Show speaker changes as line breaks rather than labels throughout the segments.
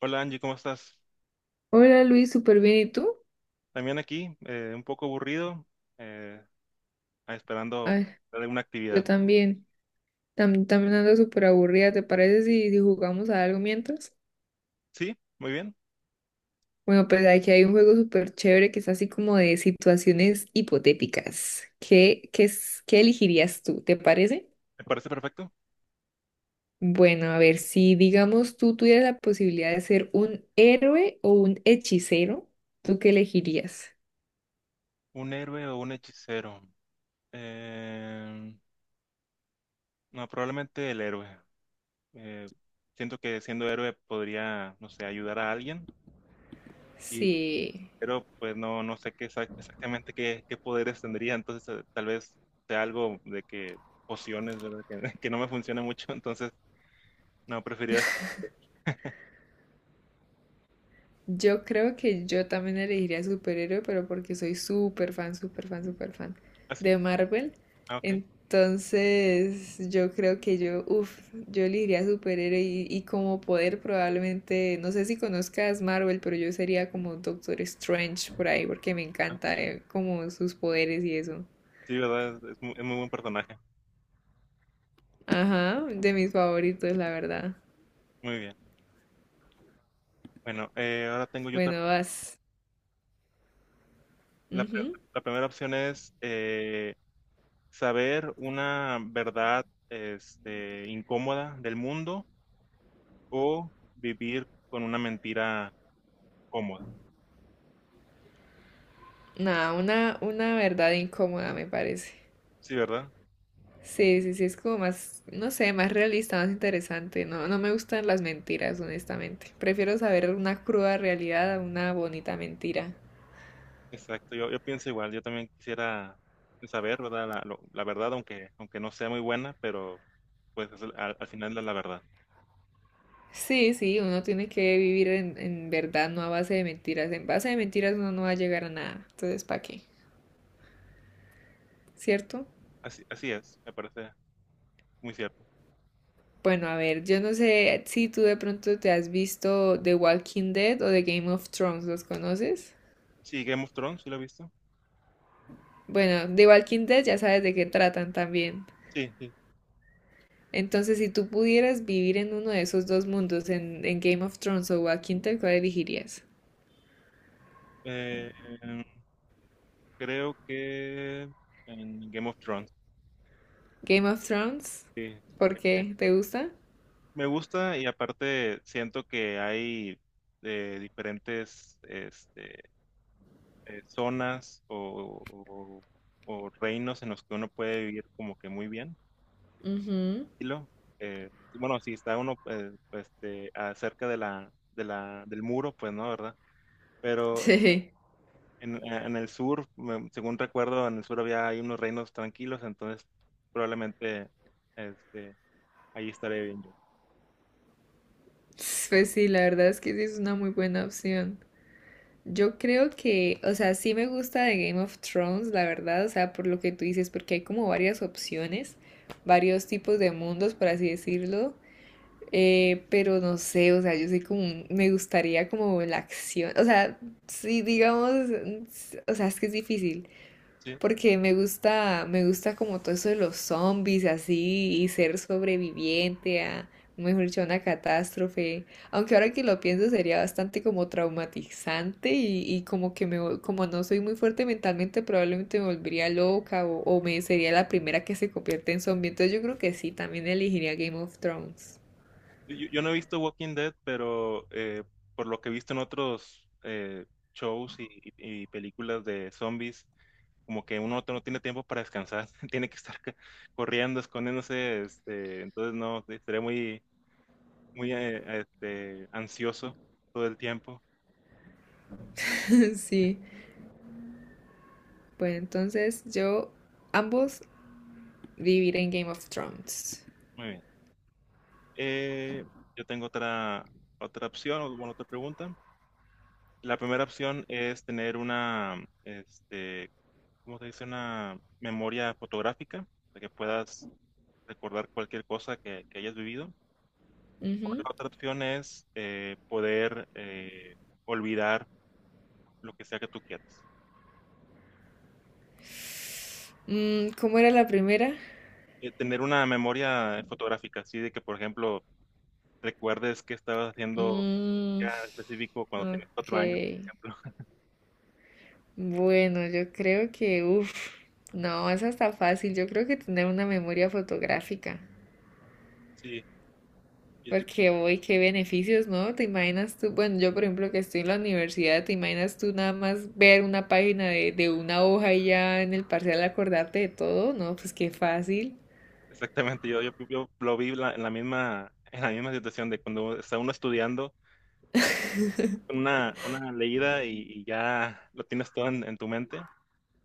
Hola Angie, ¿cómo estás?
Hola Luis, súper bien. ¿Y tú?
También aquí, un poco aburrido, eh, esperando
Ay,
de una
yo
actividad.
también. También ando súper aburrida. ¿Te parece si jugamos a algo mientras?
Sí, muy bien,
Bueno, pues aquí hay un juego súper chévere que es así como de situaciones hipotéticas. ¿Qué elegirías tú? ¿Te parece?
me parece perfecto.
Bueno, a ver, si digamos tú tuvieras la posibilidad de ser un héroe o un hechicero, ¿tú qué elegirías?
¿Un héroe o un hechicero? Eh, no, probablemente el héroe. Eh, siento que siendo héroe podría, no sé, ayudar a alguien, y,
Sí.
pero pues no, no sé qué exactamente qué, qué poderes tendría, entonces tal vez sea algo de que pociones, ¿verdad? Que no me funciona mucho, entonces no, preferiría...
Yo creo que yo también elegiría superhéroe, pero porque soy súper fan, súper fan, súper fan
¿Así?
de Marvel.
Ah, ok.
Entonces, yo creo que yo, uff, yo elegiría superhéroe y como poder probablemente, no sé si conozcas Marvel, pero yo sería como Doctor Strange por ahí, porque me encanta
Ah.
como sus poderes y eso.
Sí, ¿verdad? Es, es muy buen personaje.
Ajá, de mis favoritos, la verdad.
Muy bien. Bueno, ahora tengo yo otra.
Bueno, vas.
La, pre-
Ujú.
la primera opción es saber una verdad este, incómoda del mundo o vivir con una mentira cómoda.
Nada, una verdad incómoda, me parece.
Sí, ¿verdad?
Sí, sí, sí, es como más, no sé, más realista, más interesante. No, no me gustan las mentiras, honestamente. Prefiero saber una cruda realidad a una bonita mentira.
Exacto. Yo pienso igual. Yo también quisiera saber, ¿verdad? La verdad, aunque no sea muy buena, pero pues al, al final es la verdad.
Sí, sí, uno tiene que vivir en verdad, no a base de mentiras. En base de mentiras uno no va a llegar a nada. Entonces, ¿para qué? ¿Cierto?
Así, así es, me parece muy cierto.
Bueno, a ver, yo no sé si tú de pronto te has visto The Walking Dead o The Game of Thrones, ¿los conoces?
Sí, Game of Thrones, ¿sí lo he visto?
Bueno, The Walking Dead ya sabes de qué tratan también.
Sí, sí.
Entonces, si tú pudieras vivir en uno de esos dos mundos, en Game of Thrones o Walking Dead, ¿cuál elegirías?
Eh, em, creo que en Game of Thrones,
Game of Thrones,
sí.
¿por
Eh,
qué? ¿Te gusta?
me gusta y aparte siento que hay diferentes este, zonas o reinos en los que uno puede vivir como que muy bien,
Ujú.
tranquilo. Bueno, si está uno este, cerca de del muro, pues no, ¿verdad? Pero
Sí.
en el sur, según recuerdo, en el sur había hay unos reinos tranquilos, entonces probablemente... este, ahí estaré bien yo.
Pues sí, la verdad es que sí es una muy buena opción. Yo creo que, o sea, sí me gusta de Game of Thrones, la verdad, o sea, por lo que tú dices, porque hay como varias opciones, varios tipos de mundos, por así decirlo. Pero no sé, o sea, yo soy como, me gustaría como la acción, o sea, sí, digamos, o sea, es que es difícil,
Sí.
porque me gusta como todo eso de los zombies, así, y ser sobreviviente a, mejor dicho, a una catástrofe, aunque ahora que lo pienso sería bastante como traumatizante y como que me, como no soy muy fuerte mentalmente, probablemente me volvería loca o me sería la primera que se convierte en zombie, entonces yo creo que sí, también elegiría Game of Thrones.
Yo no he visto Walking Dead, pero por lo que he visto en otros shows y películas de zombies, como que uno no tiene tiempo para descansar, tiene que estar corriendo, escondiéndose, este, entonces no, estaré muy, muy este, ansioso todo el tiempo.
Sí. Bueno, entonces yo ambos viviré en Game of Thrones.
Muy bien. Eh, yo tengo otra, otra opción, o bueno, otra pregunta. La primera opción es tener una, este, como se dice, una memoria fotográfica, de que puedas recordar cualquier cosa que hayas vivido. O la
Ujú.
otra opción es poder olvidar lo que sea que tú quieras.
Mm, ¿cómo era la primera?
Tener una memoria fotográfica, así de que, por ejemplo, recuerdes qué estabas haciendo ya
Mm,
en específico cuando tenías
ok.
cuatro años, por ejemplo.
Bueno, yo creo que, uff, no, esa está fácil. Yo creo que tener una memoria fotográfica.
Sí, yo- yo-
Porque hoy, qué beneficios, ¿no? ¿Te imaginas tú? Bueno, yo por ejemplo que estoy en la universidad, ¿te imaginas tú nada más ver una página de una hoja y ya en el parcial acordarte de todo? No, pues qué fácil.
exactamente. Yo lo vi en la misma situación de cuando está uno estudiando. Una leída y ya lo tienes todo en tu mente.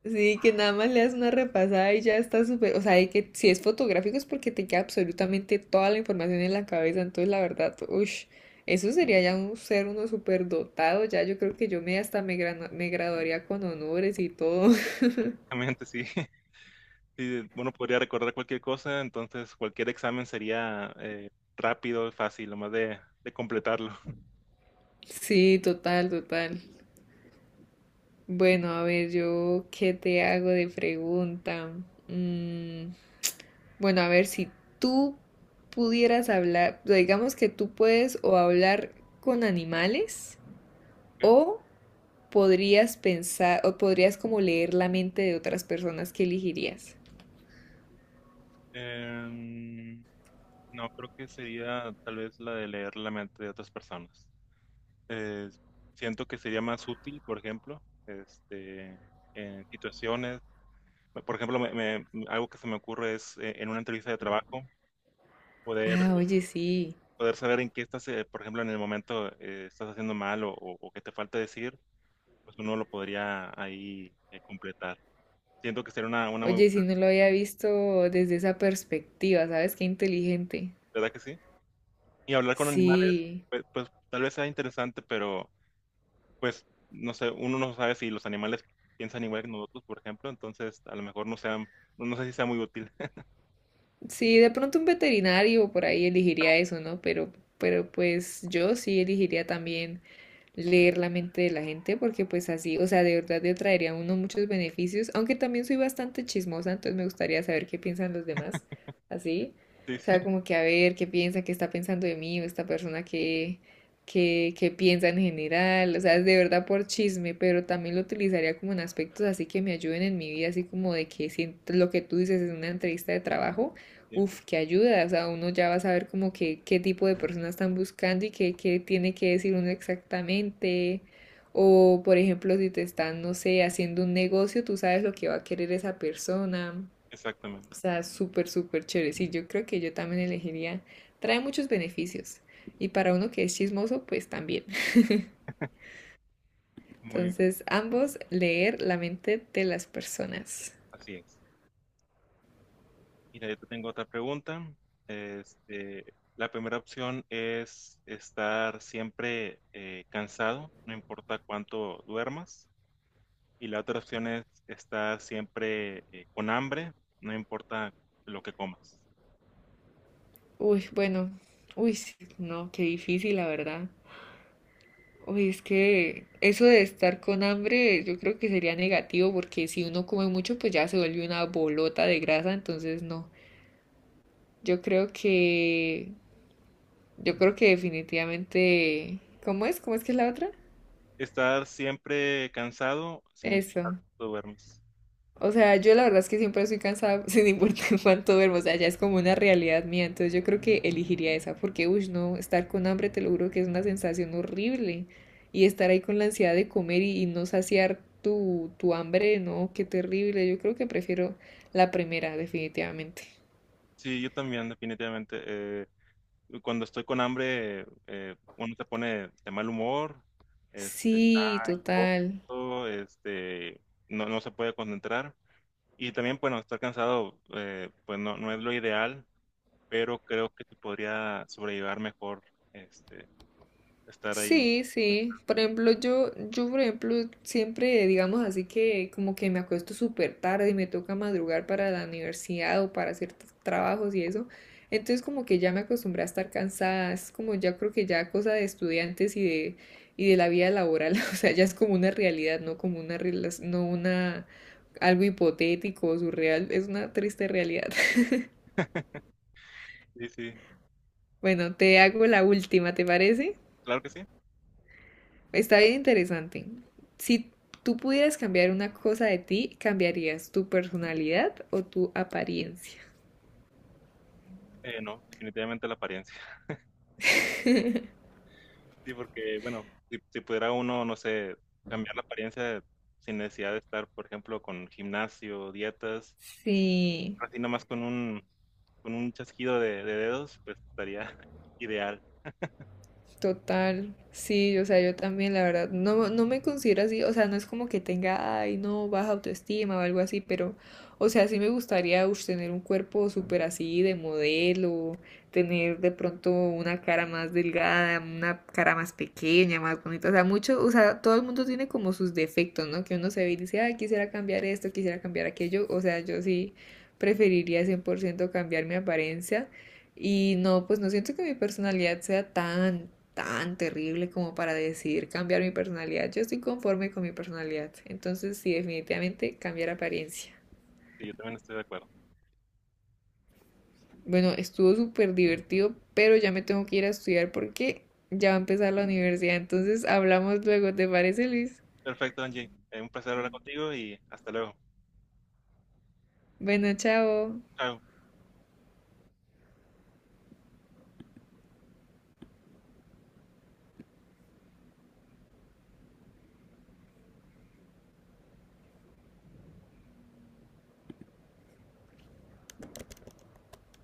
Sí, que nada más le das una repasada y ya está súper, o sea, de que si es fotográfico es porque te queda absolutamente toda la información en la cabeza, entonces la verdad, uff, eso sería ya un ser uno súper dotado, ya yo creo que yo me hasta me, me graduaría con honores y todo.
Realmente sí, sí, uno podría recordar cualquier cosa, entonces cualquier examen sería rápido, fácil, lo más de completarlo.
Sí, total, total. Bueno, a ver, yo, ¿qué te hago de pregunta? Mm, bueno, a ver, si tú pudieras hablar, digamos que tú puedes o hablar con animales
Ok.
o podrías pensar o podrías como leer la mente de otras personas que elegirías.
Em, no, creo que sería tal vez la de leer la mente de otras personas. Eh, siento que sería más útil, por ejemplo, este, en situaciones, por ejemplo, algo que se me ocurre es en una entrevista de trabajo poder
Ah, oye, sí.
poder saber en qué estás, por ejemplo, en el momento estás haciendo mal o que te falta decir, pues uno lo podría ahí completar. Siento que sería una muy
Oye, sí,
buena,
no lo había visto desde esa perspectiva, ¿sabes? Qué inteligente.
¿verdad que sí? Y hablar con animales,
Sí.
pues, pues, tal vez sea interesante, pero pues no sé, uno no sabe si los animales piensan igual que nosotros, por ejemplo, entonces a lo mejor no sea, no sé si sea muy útil.
Sí, de pronto un veterinario por ahí elegiría eso, ¿no? Pero pues yo sí elegiría también leer la mente de la gente, porque pues así, o sea, de verdad le traería a uno muchos beneficios, aunque también soy bastante chismosa, entonces me gustaría saber qué piensan los demás, así,
Sí,
o
sí,
sea, como que a ver qué piensa, qué está pensando de mí, o esta persona qué piensa en general, o sea, es de verdad por chisme, pero también lo utilizaría como en aspectos así que me ayuden en mi vida, así como de que si lo que tú dices es una entrevista de trabajo,
sí,
Uf, qué ayuda, o sea, uno ya va a saber como que qué tipo de personas están buscando qué tiene que decir uno exactamente. O, por ejemplo, si te están, no sé, haciendo un negocio, tú sabes lo que va a querer esa persona.
exactamente.
O sea, súper, súper chévere. Sí, yo creo que yo también elegiría. Trae muchos beneficios. Y para uno que es chismoso, pues también.
Muy,
Entonces, ambos, leer la mente de las personas.
así es. Mira, yo te tengo otra pregunta. Este, la primera opción es estar siempre cansado, no importa cuánto duermas. Y la otra opción es estar siempre con hambre, no importa lo que comas.
Uy, bueno, uy, sí, no, qué difícil, la verdad. Uy, es que eso de estar con hambre yo creo que sería negativo porque si uno come mucho pues ya se vuelve una bolota de grasa, entonces no. Yo creo que yo creo que definitivamente ¿cómo es? ¿Cómo es que es la otra?
Estar siempre cansado, sin importar
Eso.
cuánto duermas.
O sea, yo la verdad es que siempre estoy cansada sin importar cuánto duermo, o sea, ya es como una realidad mía, entonces yo creo que elegiría esa, porque, uy, no, estar con hambre te lo juro que es una sensación horrible, y estar ahí con la ansiedad de comer y no saciar tu hambre, no, qué terrible, yo creo que prefiero la primera, definitivamente.
Sí, yo también, definitivamente. Cuando estoy con hambre, uno se pone de mal humor, este, está
Sí, total.
corto, este, no, no se puede concentrar. Y también, bueno, estar cansado, pues no, no es lo ideal, pero creo que se podría sobrellevar mejor este, estar ahí.
Sí, sí. Por ejemplo, por ejemplo, siempre, digamos así que como que me acuesto súper tarde y me toca madrugar para la universidad o para hacer trabajos y eso. Entonces como que ya me acostumbré a estar cansada. Es como ya creo que ya cosa de estudiantes y de la vida laboral. O sea, ya es como una realidad, no como una, rela- no una, algo hipotético o surreal. Es una triste realidad.
Sí, sí,
Bueno, te hago la última, ¿te parece?
claro que sí.
Está bien interesante. Si tú pudieras cambiar una cosa de ti, ¿cambiarías tu personalidad o tu apariencia?
No, definitivamente la apariencia. Sí, porque, bueno, si pudiera uno, no sé, cambiar la apariencia sin necesidad de estar, por ejemplo, con gimnasio, dietas,
Sí.
así nomás con un chasquido de dedos, pues estaría ideal.
Total, sí, o sea, yo también, la verdad, no, no me considero así, o sea, no es como que tenga, ay, no, baja autoestima o algo así, pero, o sea, sí me gustaría ush, tener un cuerpo súper así de modelo, tener de pronto una cara más delgada, una cara más pequeña, más bonita, o sea, mucho, o sea, todo el mundo tiene como sus defectos, ¿no? Que uno se ve y dice, ay, quisiera cambiar esto, quisiera cambiar aquello, o sea, yo sí preferiría 100% cambiar mi apariencia. Y no, pues no siento que mi personalidad sea tan, tan terrible como para decidir cambiar mi personalidad. Yo estoy conforme con mi personalidad. Entonces, sí, definitivamente cambiar apariencia.
Sí, yo también estoy de acuerdo.
Bueno, estuvo súper divertido, pero ya me tengo que ir a estudiar porque ya va a empezar la universidad. Entonces, hablamos luego, ¿te parece, Luis?
Perfecto, Angie. Un placer hablar contigo y hasta luego.
Bueno, chao.
Chao.